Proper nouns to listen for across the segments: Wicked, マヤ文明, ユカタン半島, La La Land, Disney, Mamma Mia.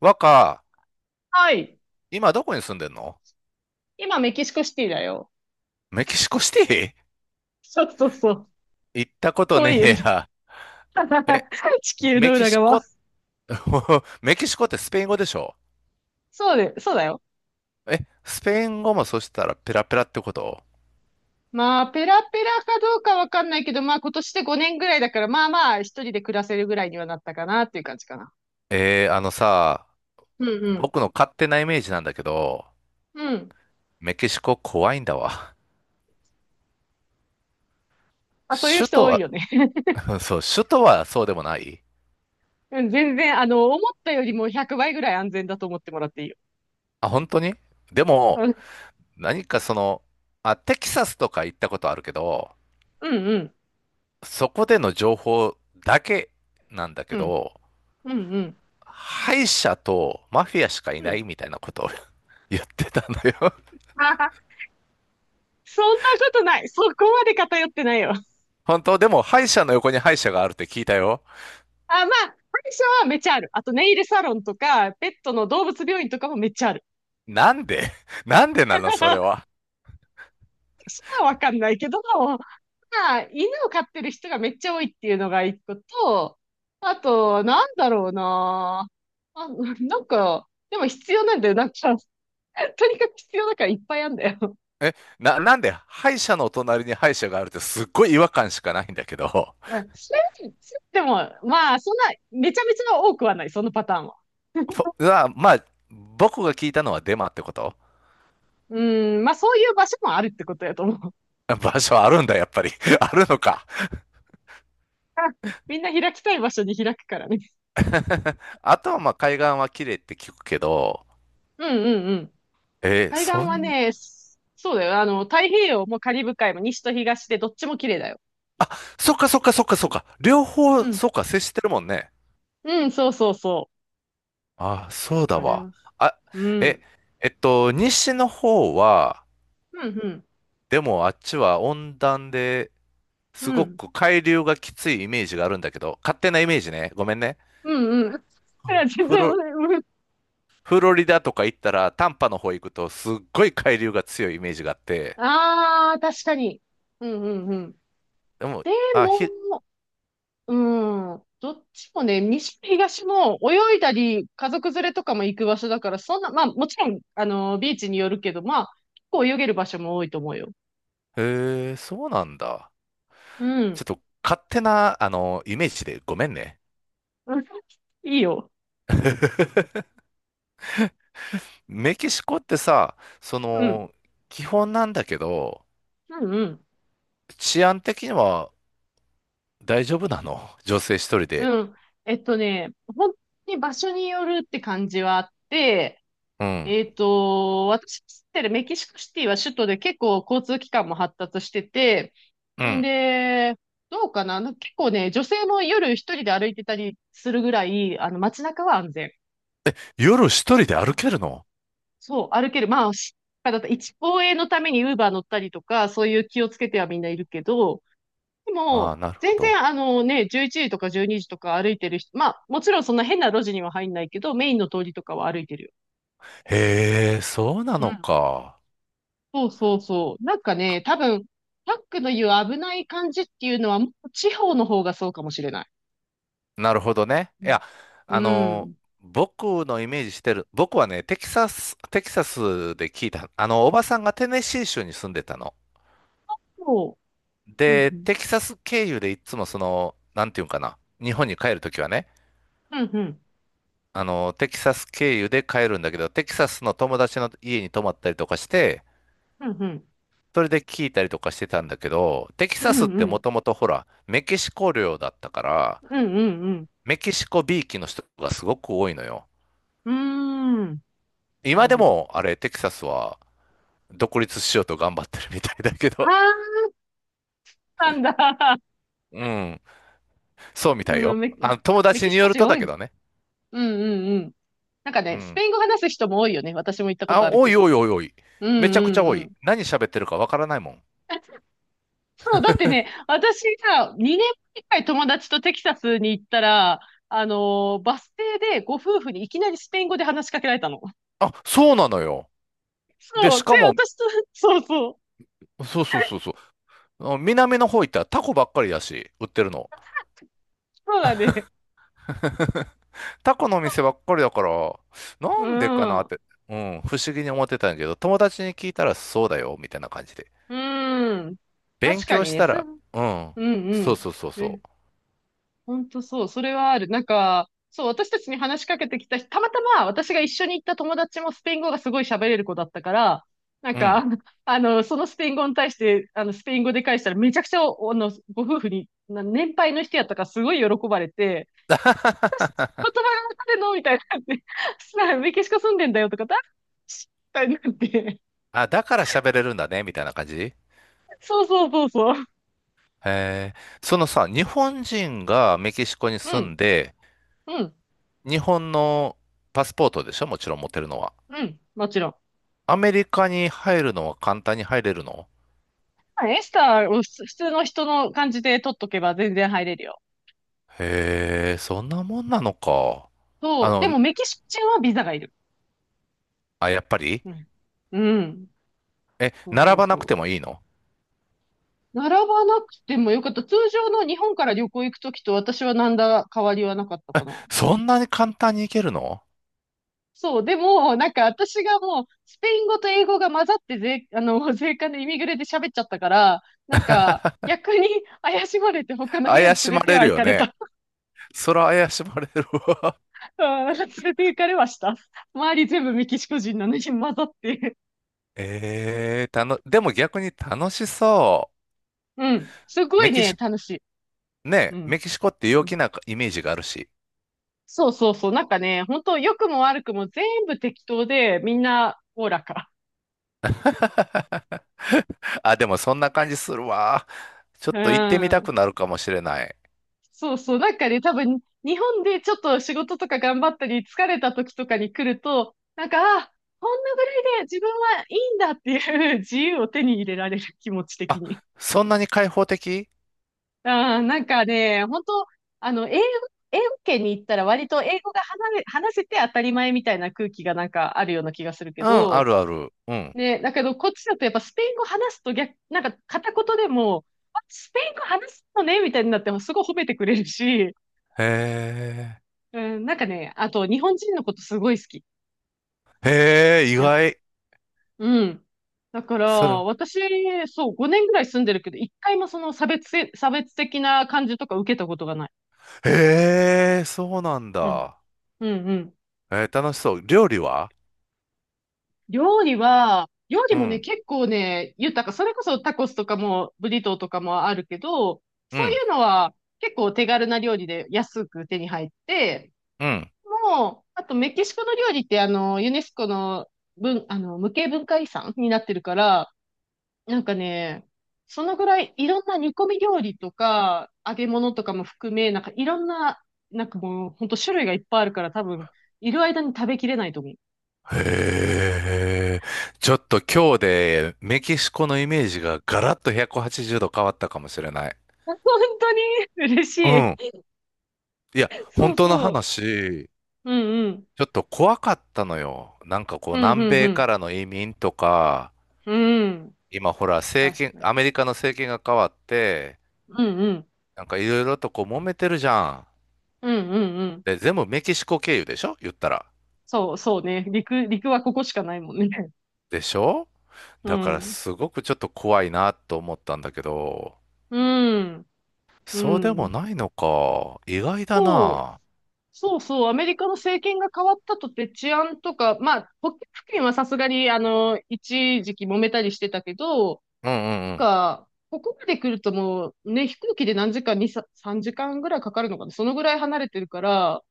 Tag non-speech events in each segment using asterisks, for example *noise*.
若、はい。今どこに住んでんの？今、メキシコシティだよ。メキシコシテそうそうそう。ィ行ったこと遠いねよえね。や。え、*laughs* 地球メのキ裏シ側。コ、*laughs* メキシコってスペイン語でしょ？そうで、そうだよ。え、スペイン語もそしたらペラペラってこと？まあ、ペラペラかどうかわかんないけど、まあ、今年で5年ぐらいだから、まあまあ、一人で暮らせるぐらいにはなったかなっていう感じかな。あのさ、うんうん。僕の勝手なイメージなんだけど、うん。メキシコ怖いんだわ。あ、そういう首人都多いは、よね。*laughs* そう、首都はそうでもない。 *laughs* うん全然、あの、思ったよりも100倍ぐらい安全だと思ってもらっていいよ。あ、本当に？でも、うん何かその、あ、テキサスとか行ったことあるけど、うんうん。そこでの情報だけなんだけうんど、うんうん。敗者とマフィアしかいないみたいなことを *laughs* 言ってたのよ。あはは。 *laughs* そんなことない。そこまで偏ってないよ。本当？でも敗者の横に敗者があるって聞いたよ。あ、まあ、歯医はめっちゃある。あと、ネイルサロンとか、ペットの動物病院とかもめっちゃある。なんでなんでなのそれ *laughs* は。そ医はわかんないけど、まあ、犬を飼ってる人がめっちゃ多いっていうのが一個と、あと、なんだろうな。あ、なんか、でも必要なんだよ。なんか、とにかく必要だからいっぱいあるんだよ。え、なんで敗者のお隣に敗者があるってすっごい違和感しかないんだけど。まあでも、まあ、そんな、めちゃめちゃ多くはない、そのパターンは。*laughs* ほまあ、まあ、僕が聞いたのはデマってこと？うん、まあ、そういう場所もあるってことやと思う。場所あるんだ、やっぱり。*laughs* あるのか。*laughs* みんな開きたい場所に開くからね。あとはまあ海岸は綺麗って聞くけど、うんうんうん。えー海岸そはん、ね、そうだよ。あの、太平洋もカリブ海も西と東でどっちも綺麗だよ。そっかそっかそっかそっか。両方、うん。そっか、接してるもんね。うん、そうそうそあ、そうう。だあれわ。は。あ、うえ、ん。えっと、西の方は、うん、うん。でもあっちは温暖でうすごん。く海流がきついイメージがあるんだけど、勝手なイメージね。ごめんね。うん、うん。*laughs* いや全フ然、ロ、うん、フロリダとか行ったら、タンパの方行くとすっごい海流が強いイメージがあって、ああー、確かに。うん、うん、うん。でも、であ、ひ、も、うん。どっちもね、西も東も泳いだり、家族連れとかも行く場所だから、そんな、まあ、もちろん、あの、ビーチによるけど、まあ、結構泳げる場所も多いと思うよ。へえ、そうなんだ。うちょん。っと勝手な、あの、イメージでごめんね。うん、いいよ。*laughs* メキシコってさ、そうん。の、基本なんだけど、うんうん。治安的には大丈夫なの女性一人で？うん。本当に場所によるって感じはあって、うん。私が住んでるメキシコシティは首都で結構交通機関も発達してて、うんん。で、どうかな、なんか結構ね、女性も夜一人で歩いてたりするぐらい、あの街中は安全。夜一人で歩けるの？そう、歩ける。だと一応衛のためにウーバー乗ったりとか、そういう気をつけてはみんないるけど、でああ、も、なるほ全然ど。あのね、11時とか12時とか歩いてる人、まあ、もちろんそんな変な路地には入んないけど、メインの通りとかは歩いてるよ。へえ、そうなうのん。か。そうそうそう。なんかね、多分、タックの言う危ない感じっていうのは、もう地方の方がそうかもしれない。なるほどね。ういん。や、うあのん。僕のイメージしてる、僕はね、テキサスで聞いた、あの、おばさんがテネシー州に住んでたの。そううで、ん。テキサス経由でいつもその、なんていうんかな、日本に帰るときはね、うんうん。あの、テキサス経由で帰るんだけど、テキサスの友達の家に泊まったりとかして、うんうん。それで聞いたりとかしてたんだけど、テキうサんスっうてもん。ともとほら、メキシコ領だったから、うんうんメキシコびいきの人がすごく多いのよ。うん。うーん。な今るでほど。も、あれ、テキサスは独立しようと頑張ってるみたいだけど、*laughs* ああ、なんだ。*laughs* うん、そうみたいうん、よ。あの、友メ達キにシカよる人と多だいけです。どね。うんうんうん。なんかうね、スペん。イン語話す人も多いよね。私も行ったこあ、とあるおけいど。おいおいおい。うんうめちゃくちゃん多うい。ん。何喋ってるかわからないもん。*laughs* そう、だってね、私さ、2年前くらい友達とテキサスに行ったら、バス停でご夫婦にいきなりスペイン語で話しかけられたの。あ、そうなのよ。で、そしう。かで、も、私と、そうそう。そうそうそうそう。あの南の方行ったらタコばっかりだし、売ってるの。そうだね。タコのお店ばっかりだから、うなんでかなっん。て、うん、不思議に思ってたんだけど、友達に聞いたらそうだよ、みたいな感じで。うん。勉確か強にしね、たす、うら、んうん、うそうん。そうそうそね、本当そう、それはある。なんか、そう、私たちに話しかけてきた人、たまたま私が一緒に行った友達もスペイン語がすごい喋れる子だったから、なんう、うか、ん。あの、そのスペイン語に対して、あの、スペイン語で返したらめちゃくちゃ、あの、ご夫婦に、な年配の人やったからすごい喜ばれて、またま *laughs* たでのみたいにな感じさメキシコ住んでんだよとか、し、みたいになって。あ、だから喋れるんだね、みたいな感じ。そうそうそうそう。えー、そのさ、日本人がメキシコにう住ん、んで、うん、日本のパスポートでしょもちろん持ってるのは。うん、もちろん。アメリカに入るのは簡単に入れるの？エスターを普通の人の感じで取っとけば全然入れるよ。へえ、そんなもんなのか。あそう、での、もメキシコ人はビザがいる。あ、やっぱり。うん。うん。え、そう並そうばなそくてう。もいいの？並ばなくてもよかった。通常の日本から旅行行くときと私は何だ変わりはなかったかな。そんなに簡単に行けるの？そう、でも、私がもう、スペイン語と英語が混ざって*laughs* あの、税関でイミグレで喋っちゃったから、なんか、逆に怪しまれて他の部屋怪に連しれまてれはる行よかれね。た。そら怪しまれるわ。*laughs* うん、連れて行かれました。周り全部メキシコ人なのに混ざって。*laughs* えー、たの、でも逆に楽しそうん。すう。ごメいキね、シ、楽しい。うね、メん。キシコって陽気なイメージがあるし。そうそうそう。なんかね、本当良くも悪くも全部適当で、みんなおおらか。*laughs* あ、でもそんな感じするわ。ちょうっと行ってみたん。くなるかもしれない。そうそう。なんかね、多分、日本でちょっと仕事とか頑張ったり、疲れた時とかに来ると、なんか、あ、こんなぐらいで自分はいいんだっていう *laughs* 自由を手に入れられる気持ち的あ、に。そんなに開放的？ああ、なんかね、本当あの、英語圏に行ったら割と英語が話せて当たり前みたいな空気がなんかあるような気がするけうん、あど、るある。うん。ね、だけどこっちだとやっぱスペイン語話すと逆、なんか片言でも、あ、スペイン語話すのねみたいになってもすごい褒めてくれるし、へえ。うん、なんかね、あと日本人のことすごい好き。へえ、意なんか、外。うん。だから、それ、私、そう、5年ぐらい住んでるけど、一回もその差別的な感じとか受けたことがない。へえ、そうなんうん。だ。うんうん。えー楽しそう。料理は？料理は、料理うもね、ん、結構ね、豊か。それこそタコスとかも、ブリトーとかもあるけど、うそういん、うのは結構手軽な料理で安く手に入って、うん。もう、あとメキシコの料理ってあの、ユネスコの文、あの、無形文化遺産になってるから、なんかね、そのぐらいいろんな煮込み料理とか、揚げ物とかも含め、なんかいろんな、なんかもう、ほんと種類がいっぱいあるから多分、いる間に食べきれないと思う。へえ。ちょっと今日でメキシコのイメージがガラッと180度変わったかもしれない。*laughs* 本当に嬉うしん。い。いや、そ本う当のそう。話、うんうん。ちょっと怖かったのよ。なんかこう、うん南うんう米ん。からの移民とか、うん。今ほら、政確権、かに。アメリカの政権が変わって、うんうん。なんかいろいろとこう揉めてるじゃん。うんうんうん。で、全部メキシコ経由でしょ言ったら。そうそうね。陸はここしかないもんね。でしょ？うだからん。すごくちょっと怖いなと思ったんだけど、うん。うそうでもん。ないのか。意外だそう。な。そうそう。アメリカの政権が変わったとって治安とか、まあ、北極付近はさすがに、あの、一時期揉めたりしてたけど、うんうんうん。なんか、ここまで来るともう、ね、飛行機で何時間、2、3時間ぐらいかかるのかな。そのぐらい離れてるから、なん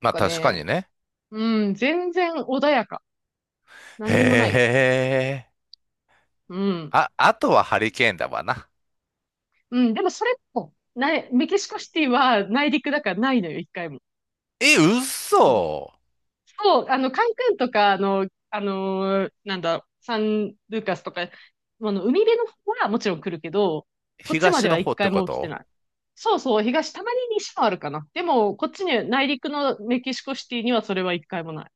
まあか確かにね、ね。うん、全然穏やか。何にもないよ。へえ。うん。あ、あとはハリケーンだわな。うん、でもそれも、ない、メキシコシティは内陸だからないのよ、一回も。え、そう、嘘。そうあの、カンクンとか、あの、なんだ、サンルーカスとか、あの、海辺の方はもちろん来るけど、こっちまで東はの一方っ回てこも来てと？ない。そうそう、東、たまに西もあるかな。でも、こっちに、内陸のメキシコシティにはそれは一回もない。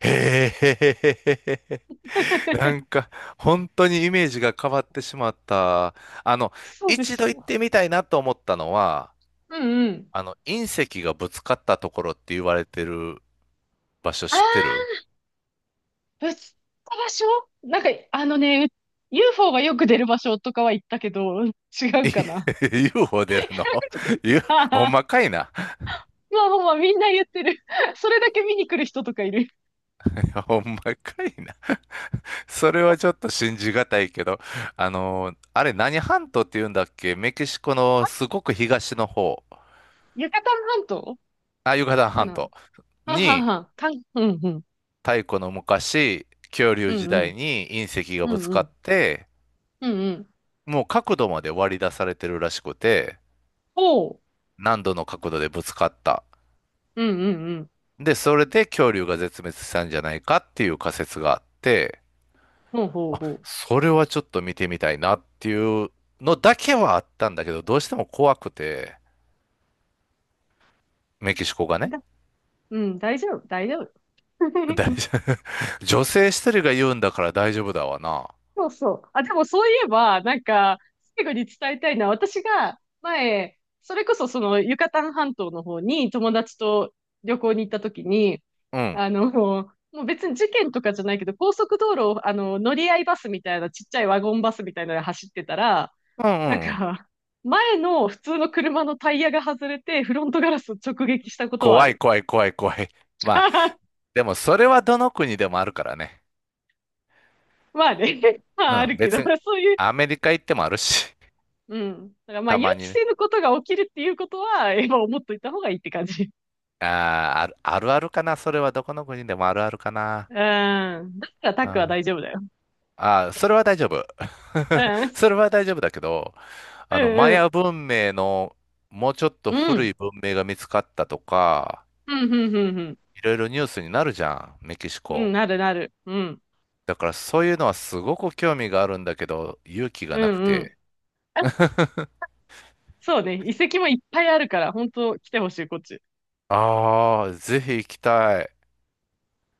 へえ。なん *laughs* か本当にイメージが変わってしまった。あの、そうで一し度行っょてみたいなと思ったのは、う。うんうん。あの隕石がぶつかったところって言われてる場所あ知ってある？ ぶつった場所、なんか、あのね、UFO がよく出る場所とかは行ったけど、違うかな。*laughs* UFO 出るの？ *laughs* ゆあはほんは。まかいな。まあまあまあ、みんな言ってる。それだけ見に来る人とかいる。*laughs* ほんまかいな。それはちょっと信じがたいけど、あのー、あれ何半島って言うんだっけメキシコのすごく東の方、ユカタン半島あ、ユカタンか半な。島はんはんにはん。かん、うんうん。太古の昔、恐竜う時んう代ん。に隕石がうぶつんかうっん。て、うんうん。もう角度まで割り出されてるらしくて、ほ何度の角度でぶつかった。う。うんうんうん。で、それで恐竜が絶滅したんじゃないかっていう仮説があって、ほうほうほそれはちょっと見てみたいなっていうのだけはあったんだけど、どうしても怖くて、メキシコがう。ね。うん、大丈夫、大丈夫。大 *laughs* 丈夫。*laughs* 女性一人が言うんだから大丈夫だわな。そうそう。あ、でもそういえば、なんか、最後に伝えたいのは、私が前、それこそそのユカタン半島の方に友達と旅行に行った時に、うん。あの、もう別に事件とかじゃないけど、高速道路を、あの、乗り合いバスみたいな、ちっちゃいワゴンバスみたいなので走ってたら、うんうなんんうん。か、前の普通の車のタイヤが外れて、フロントガラスを直撃したことはあ怖いる。怖い怖い怖い。まあ、*laughs* でもそれはどの国でもあるからね。まあね、*laughs* まうああん。るけど、別に、そういう、アメリカ行ってもあるし、うん。だからまあた予ま期にね。せぬことが起きるっていうことは、*laughs* 今思っといた方がいいって感じ。あーある、あるあるかな。それはどこの国でもあるあるかな。うん。だからタッうクはん。大丈夫だよ。ああ、それは大丈夫。*laughs* うん。それは大丈夫だけど、うあの、マんうヤん。文明のもうちょっとう古ん。い文明が見つかったとか、うん、うん、うん、うん。いろいろニュースになるじゃん、メキシうコ。ん、なるなる。うん。だからそういうのはすごく興味があるんだけど、勇気がうなくん、うん。て。あ、そうね。遺跡もいっぱいあるから、本当来てほしい、こっち。ああ、ぜひ行きたい。